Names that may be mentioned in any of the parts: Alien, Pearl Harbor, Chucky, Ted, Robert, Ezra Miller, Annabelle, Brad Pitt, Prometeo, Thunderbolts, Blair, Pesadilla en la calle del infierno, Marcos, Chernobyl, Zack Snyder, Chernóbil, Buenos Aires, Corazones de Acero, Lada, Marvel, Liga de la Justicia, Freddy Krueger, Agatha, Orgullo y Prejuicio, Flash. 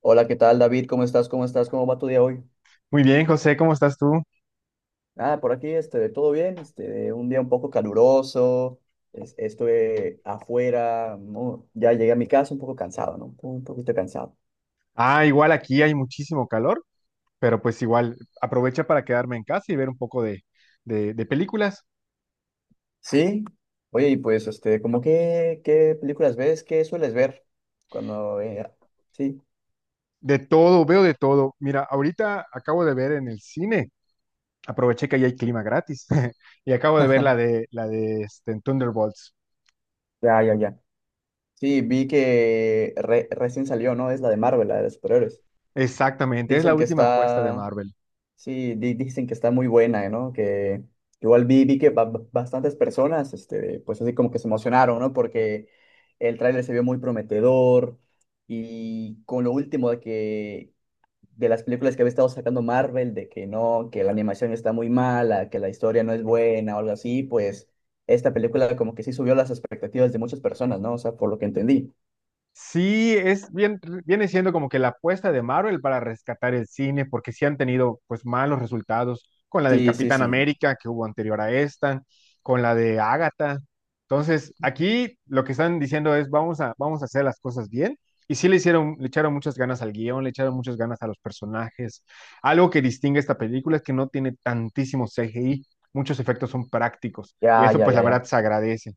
Hola, ¿qué tal, David? ¿Cómo estás? ¿Cómo estás? ¿Cómo va tu día hoy? Muy bien, José, ¿cómo estás tú? Ah, por aquí, todo bien, un día un poco caluroso, estuve afuera, ¿no? Ya llegué a mi casa un poco cansado, ¿no? Un poquito cansado. Ah, igual aquí hay muchísimo calor, pero pues igual aprovecha para quedarme en casa y ver un poco de películas. Sí, oye, y pues, ¿cómo qué, qué películas ves? ¿Qué sueles ver? Cuando, sí, De todo, veo de todo. Mira, ahorita acabo de ver en el cine, aproveché que ahí hay clima gratis y acabo de ver la de la de este, Thunderbolts. ya, ya, ya. Sí, vi que recién salió, ¿no? Es la de Marvel, la de los superhéroes. Exactamente, es la Dicen que última apuesta de está, Marvel. Sí, dicen que está muy buena, ¿no? Que igual vi que bastantes personas, pues así como que se emocionaron, ¿no? Porque el tráiler se vio muy prometedor y con lo último de que de las películas que había estado sacando Marvel, de que no, que la animación está muy mala, que la historia no es buena o algo así, pues esta película como que sí subió las expectativas de muchas personas, ¿no? O sea, por lo que entendí. Sí, es bien, viene siendo como que la apuesta de Marvel para rescatar el cine, porque sí han tenido pues malos resultados con la del Sí, sí, Capitán sí. América que hubo anterior a esta, con la de Agatha. Entonces, aquí lo que están diciendo es vamos a hacer las cosas bien. Y sí le hicieron, le echaron muchas ganas al guión, le echaron muchas ganas a los personajes. Algo que distingue esta película es que no tiene tantísimo CGI, muchos efectos son prácticos. Y Ya, eso ya, pues ya, la verdad ya. se agradece.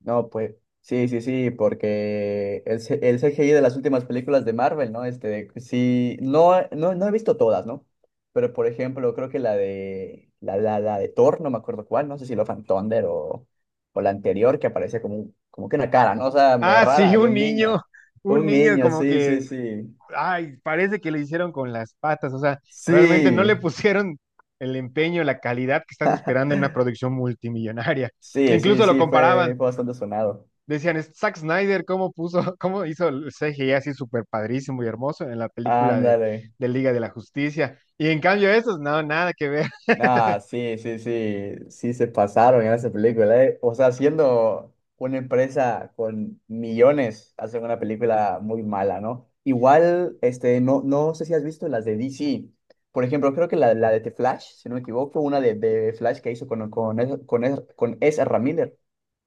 No, pues sí, sí, sí, porque el CGI de las últimas películas de Marvel, ¿no? Sí, no, no, no he visto todas, ¿no? Pero por ejemplo, creo que la de la de Thor, no me acuerdo cuál, no sé si lo of Thunder o la anterior que aparece como, como que una cara, ¿no? O sea, medio Ah, sí, rara, de un niño. un Un niño niño, como sí, sí, que sí. ay, parece que le hicieron con las patas, o sea, realmente no le Sí, pusieron el empeño, la calidad que estás esperando en una producción multimillonaria. sí, sí, Incluso lo sí, comparaban, fue, fue bastante sonado. decían, "Es Zack Snyder, ¿cómo puso, cómo hizo el CGI así súper padrísimo y hermoso en la película de, Ándale. de Liga de la Justicia? Y en cambio esos, no, nada que ver. Nah, sí, sí, sí, sí se pasaron en esa película, eh. O sea, siendo una empresa con millones, hacen una película muy mala, ¿no? Igual, no, no sé si has visto las de DC. Por ejemplo, creo que la de The Flash, si no me equivoco, una de Flash que hizo con Ezra Miller.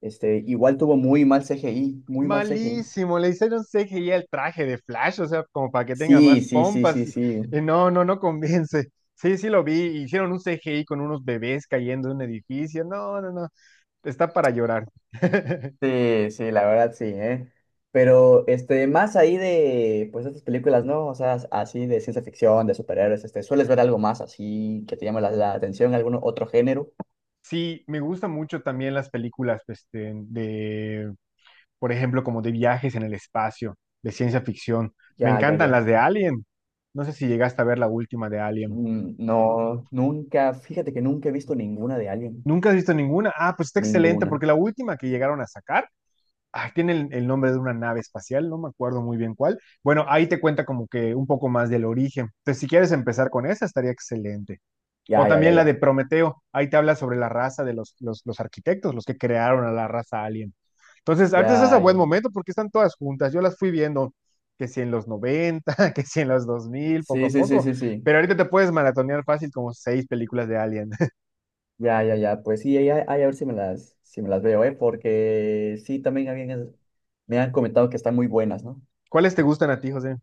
Igual tuvo muy mal CGI, muy mal CGI. Malísimo, le hicieron CGI al traje de Flash, o sea, como para que tenga más Sí, sí, sí, pompas. sí, sí. No, no convence. Sí, sí lo vi, hicieron un CGI con unos bebés cayendo de un edificio. No, no, no, está para llorar. Sí, sí, la verdad sí, ¿eh? Pero más ahí de pues estas películas, ¿no? O sea, así de ciencia ficción, de superhéroes, ¿sueles ver algo más así que te llame la atención, algún otro género? Sí, me gustan mucho también las películas, pues, de por ejemplo, como de viajes en el espacio, de ciencia ficción. Me Ya, ya, encantan las ya. de Alien. No sé si llegaste a ver la última de Alien. No, nunca, fíjate que nunca he visto ninguna de Alien. ¿Nunca has visto ninguna? Ah, pues está excelente, Ninguna. porque la última que llegaron a sacar ay, tiene el nombre de una nave espacial, no me acuerdo muy bien cuál. Bueno, ahí te cuenta como que un poco más del origen. Entonces, si quieres empezar con esa, estaría excelente. O Ya, ya, ya, también la ya. de Prometeo, ahí te habla sobre la raza de los arquitectos, los que crearon a la raza alien. Entonces, ahorita estás a Ya, ya, buen ya. momento porque están todas juntas. Yo las fui viendo, que si en los 90, que si en los 2000, poco Sí, a sí, sí, poco. sí, sí. Pero ahorita te puedes maratonear fácil como seis películas de Alien. Ya, ya, ya. Pues sí, ahí, ahí a ver si me las veo, ¿eh? Porque sí, también me han comentado que están muy buenas, ¿no? ¿Cuáles te gustan a ti, José?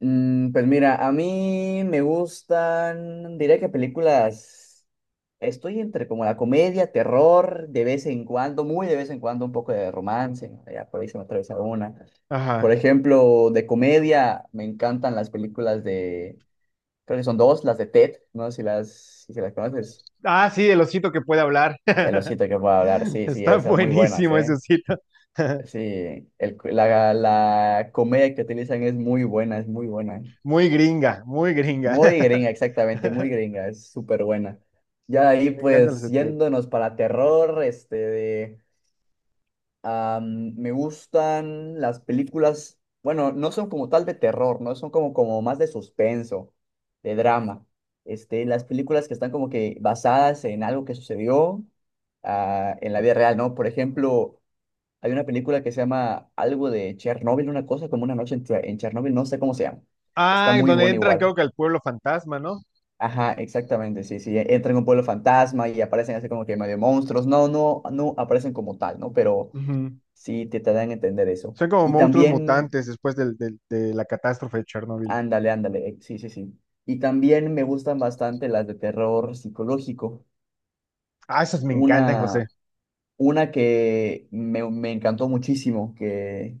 Mm, pues mira, a mí me gustan, diría que películas, estoy entre como la comedia, terror, de vez en cuando, muy de vez en cuando un poco de romance, ¿no? Ya por ahí se me atraviesa una. Por Ajá. ejemplo, de comedia me encantan las películas de, creo que son dos, las de Ted, no sé si las conoces. Ah, sí, el osito que puede hablar. El osito que puedo hablar, sí, sí, Está esas muy buenas, buenísimo ese ¿eh? sitio. Sí, la comedia que utilizan es muy buena, es muy buena. Muy gringa, muy gringa. Muy gringa, exactamente, muy gringa, es súper buena. Ya de Sí, ahí, me encanta el pues, CT. yéndonos para terror, me gustan las películas, bueno, no son como tal de terror, ¿no? Son como, como más de suspenso, de drama. Las películas que están como que basadas en algo que sucedió en la vida real, ¿no? Por ejemplo, hay una película que se llama algo de Chernobyl, una cosa como una noche en Chernobyl, no sé cómo se llama. Está Ah, muy donde buena entran, creo igual. que al pueblo fantasma, ¿no? Ajá, exactamente, sí, sí, entran en un pueblo fantasma y aparecen así como que medio monstruos, no, no, no aparecen como tal, ¿no? Pero Ujú. sí te dan a entender eso. Son como Y monstruos también, mutantes después de la catástrofe de Chernóbil. ándale, ándale, sí, sí, sí. Y también me gustan bastante las de terror psicológico. Ah, esos me encantan, José. Una, una que me encantó muchísimo, que,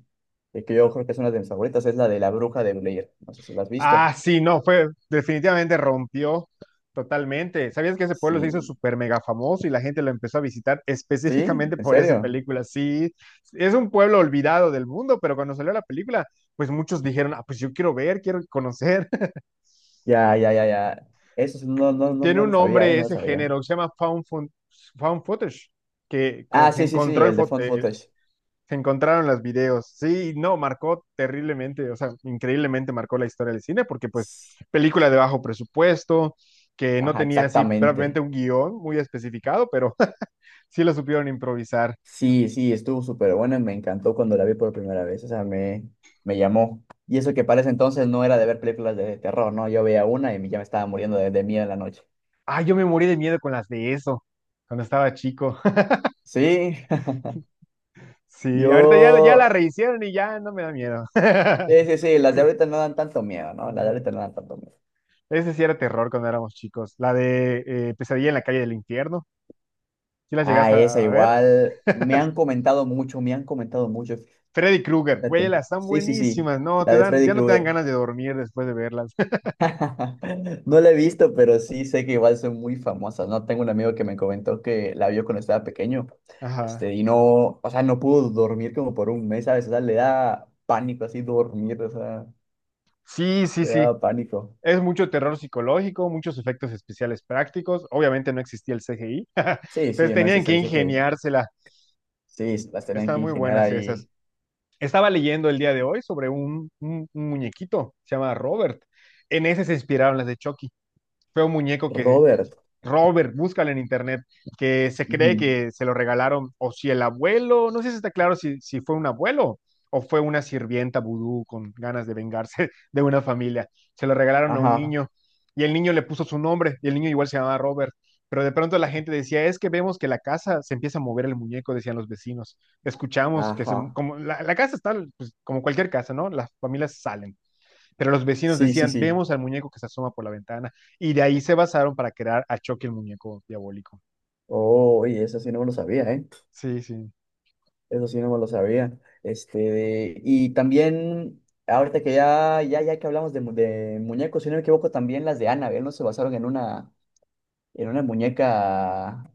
que que yo creo que es una de mis favoritas, es la de la bruja de Blair. No sé si la has Ah, visto. sí, no, fue definitivamente rompió totalmente. ¿Sabías que ese pueblo se hizo Sí, súper mega famoso y la gente lo empezó a visitar sí, específicamente ¿en por esa serio? película? Sí, es un pueblo olvidado del mundo, pero cuando salió la película, pues muchos dijeron, ah, pues yo quiero ver, quiero conocer. Ya, ya, ya, ya. Eso sí, no, no, no, Tiene no un lo sabía, ¿eh? nombre No lo ese sabía. género que se llama found footage, que como Ah, que se sí, sí, sí, encontró el de Found Footage. se encontraron los videos. Sí, no, marcó terriblemente, o sea, increíblemente marcó la historia del cine, porque pues película de bajo presupuesto, que no Ajá, tenía así prácticamente exactamente. un guión muy especificado, pero sí lo supieron improvisar. Sí, sí, estuvo súper bueno me encantó cuando la vi por primera vez. Me llamó. Y eso que para ese entonces no era de ver películas de terror, ¿no? Yo veía una y ya me estaba muriendo de miedo en la noche. Ah, yo me morí de miedo con las de eso, cuando estaba chico. Sí, Sí, ahorita ya la yo... rehicieron y ya no me da miedo. Sí, sí, sí, las de ahorita no dan tanto miedo, ¿no? Las de ahorita no dan tanto miedo. Ese sí era terror cuando éramos chicos. La de Pesadilla en la calle del infierno. ¿Sí las Ah, llegaste esa a ver? igual. Me han comentado mucho, me han comentado mucho. Freddy Krueger, güey, Fíjate. las están Sí, sí, sí. buenísimas. No, La te de dan, Freddy ya no te dan Krueger. ganas de dormir después de verlas. No la he visto, pero sí sé que igual son muy famosas, ¿no? Tengo un amigo que me comentó que la vio cuando estaba pequeño, Ajá. Y no, o sea, no pudo dormir como por un mes, ¿sabes? O sea, le da pánico así dormir, o sea, Sí, sí, le sí. da pánico. Es mucho terror psicológico, muchos efectos especiales prácticos. Obviamente no existía el CGI. Sí, Entonces sí, no tenían existe que el CGI. ingeniársela. Sí, las tienen que Están muy ingeniar buenas esas. ahí. Estaba leyendo el día de hoy sobre un muñequito, se llama Robert. En ese se inspiraron las de Chucky. Fue un muñeco que Robert. Robert, búscala en internet, que se cree Ujú, que se lo regalaron, o si el abuelo, no sé si está claro si, si fue un abuelo o fue una sirvienta vudú con ganas de vengarse de una familia. Se lo regalaron a un ajá, niño y el niño le puso su nombre y el niño igual se llamaba Robert. Pero de pronto la gente decía, es que vemos que la casa se empieza a mover el muñeco, decían los vecinos. Escuchamos que se, ajá. como la casa está, pues, como cualquier casa, ¿no? Las familias salen. Pero los vecinos Sí, sí, decían, sí. vemos al muñeco que se asoma por la ventana. Y de ahí se basaron para crear a Chucky el muñeco diabólico. Oh, y eso sí no me lo sabía, ¿eh? Sí, sí. Eso sí no me lo sabía. Y también, ahorita que ya, ya, ya que hablamos de, de muñecos, si no me equivoco, también las de Annabelle no se basaron en una muñeca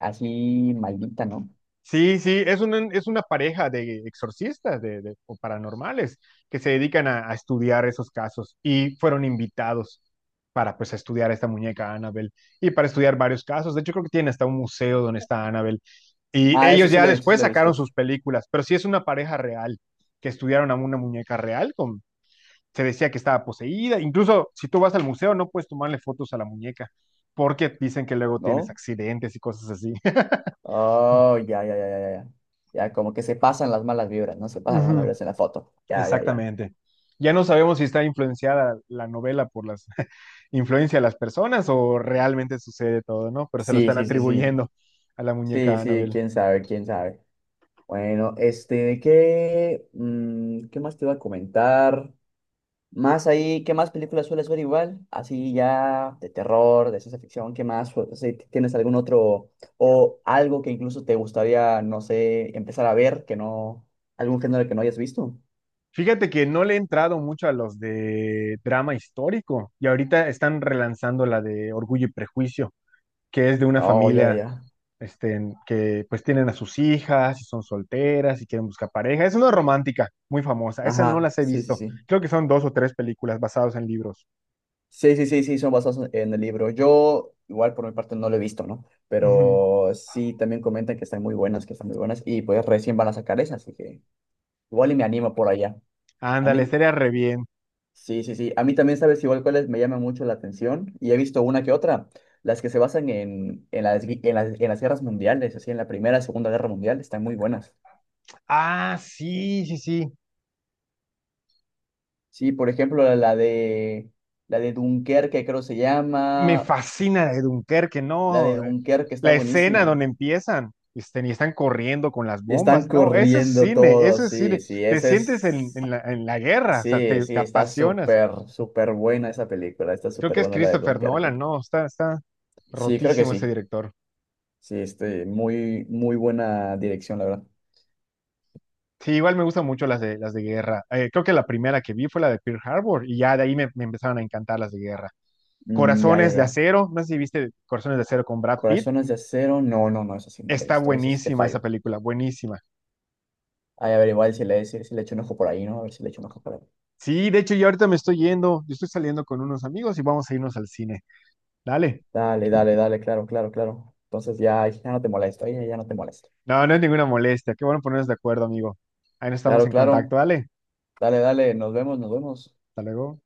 así maldita, ¿no? Sí, sí, es una pareja de exorcistas o paranormales que se dedican a estudiar esos casos y fueron invitados para pues estudiar a esta muñeca Annabelle y para estudiar varios casos. De hecho, creo que tienen hasta un museo donde está Annabelle y Ah, eso ellos sí ya lo he visto, sí después lo he sacaron visto. sus películas, pero sí es una pareja real que estudiaron a una muñeca real con se decía que estaba poseída. Incluso si tú vas al museo, no puedes tomarle fotos a la muñeca, porque dicen que luego tienes ¿No? accidentes y cosas así. Oh, ya, ya, ya, ya, ya. Ya, como que se pasan las malas vibras, ¿no? Se pasan las malas Ujú. vibras en la foto. Ya, ya, ya. Exactamente. Ya no sabemos si está influenciada la novela por las influencia de las personas o realmente sucede todo, ¿no? Pero se lo Sí, están sí, sí, sí. atribuyendo a la Sí, muñeca sí, Annabelle. quién sabe, quién sabe. Bueno, ¿qué, qué más te iba a comentar? Más ahí, ¿qué más películas sueles ver igual? Así ya de terror, de ciencia ficción, ¿qué más? O sea, ¿tienes algún otro o algo que incluso te gustaría, no sé, empezar a ver que no, algún género que no hayas visto? Fíjate que no le he entrado mucho a los de drama histórico y ahorita están relanzando la de Orgullo y Prejuicio, que es de una Oh, ya, ya, familia ya. este, que pues tienen a sus hijas y son solteras y quieren buscar pareja. Es una romántica muy famosa, esa no Ajá, las he sí, sí, visto. sí. Creo que son dos o tres películas basadas en libros. Sí, sí, sí, sí, son basados en el libro. Yo igual por mi parte no lo he visto, ¿no? Ujú. Pero sí, también comentan que están muy buenas, que están muy buenas y pues recién van a sacar esas, así que igual y me animo por allá. A Ándale, mí, estaría re bien. sí, sí, sí. A mí también, ¿sabes? Igual cuáles me llama mucho la atención y he visto una que otra, las que se basan en las guerras mundiales, así en la Primera, y Segunda Guerra Mundial, están muy buenas. Ah, sí, sí, sí. Sí, por ejemplo, la de Dunkerque, creo se Me llama, fascina la de Dunkerque, la no. de Dunkerque está La escena buenísima. donde empiezan este, y están corriendo con las Y bombas, están no, eso es corriendo cine, eso todos, es cine. sí, sí, Te esa sientes en, es, en la, en la guerra, o sea, sí, te sí, está apasionas. súper, súper buena esa película, está Creo súper que es buena la de Christopher Nolan, Dunkerque. no, está Sí, creo que rotísimo ese sí, director. sí, muy, muy buena dirección, la verdad. Sí, igual me gustan mucho las de guerra. Creo que la primera que vi fue la de Pearl Harbor y ya de ahí me empezaron a encantar las de guerra. Mm, ya, ya, Corazones de ya. Acero, no sé si viste Corazones de Acero con Brad Pitt. Corazones de acero. No, no, no, esa sí no la he Está visto. Esa sí te buenísima esa fallo. película, buenísima. Ay, a ver, igual si le echo un ojo por ahí, ¿no? A ver si le echo un ojo por ahí. Sí, de hecho, yo ahorita me estoy yendo, yo estoy saliendo con unos amigos y vamos a irnos al cine. Dale. Dale, dale, dale, claro, claro, claro. Entonces ya, ya no te molesto, ya, ya no te molesto. No, no es ninguna molestia. Qué bueno ponernos de acuerdo, amigo. Ahí nos estamos Claro, en claro. contacto, dale. Dale, dale, nos vemos, nos vemos. Hasta luego.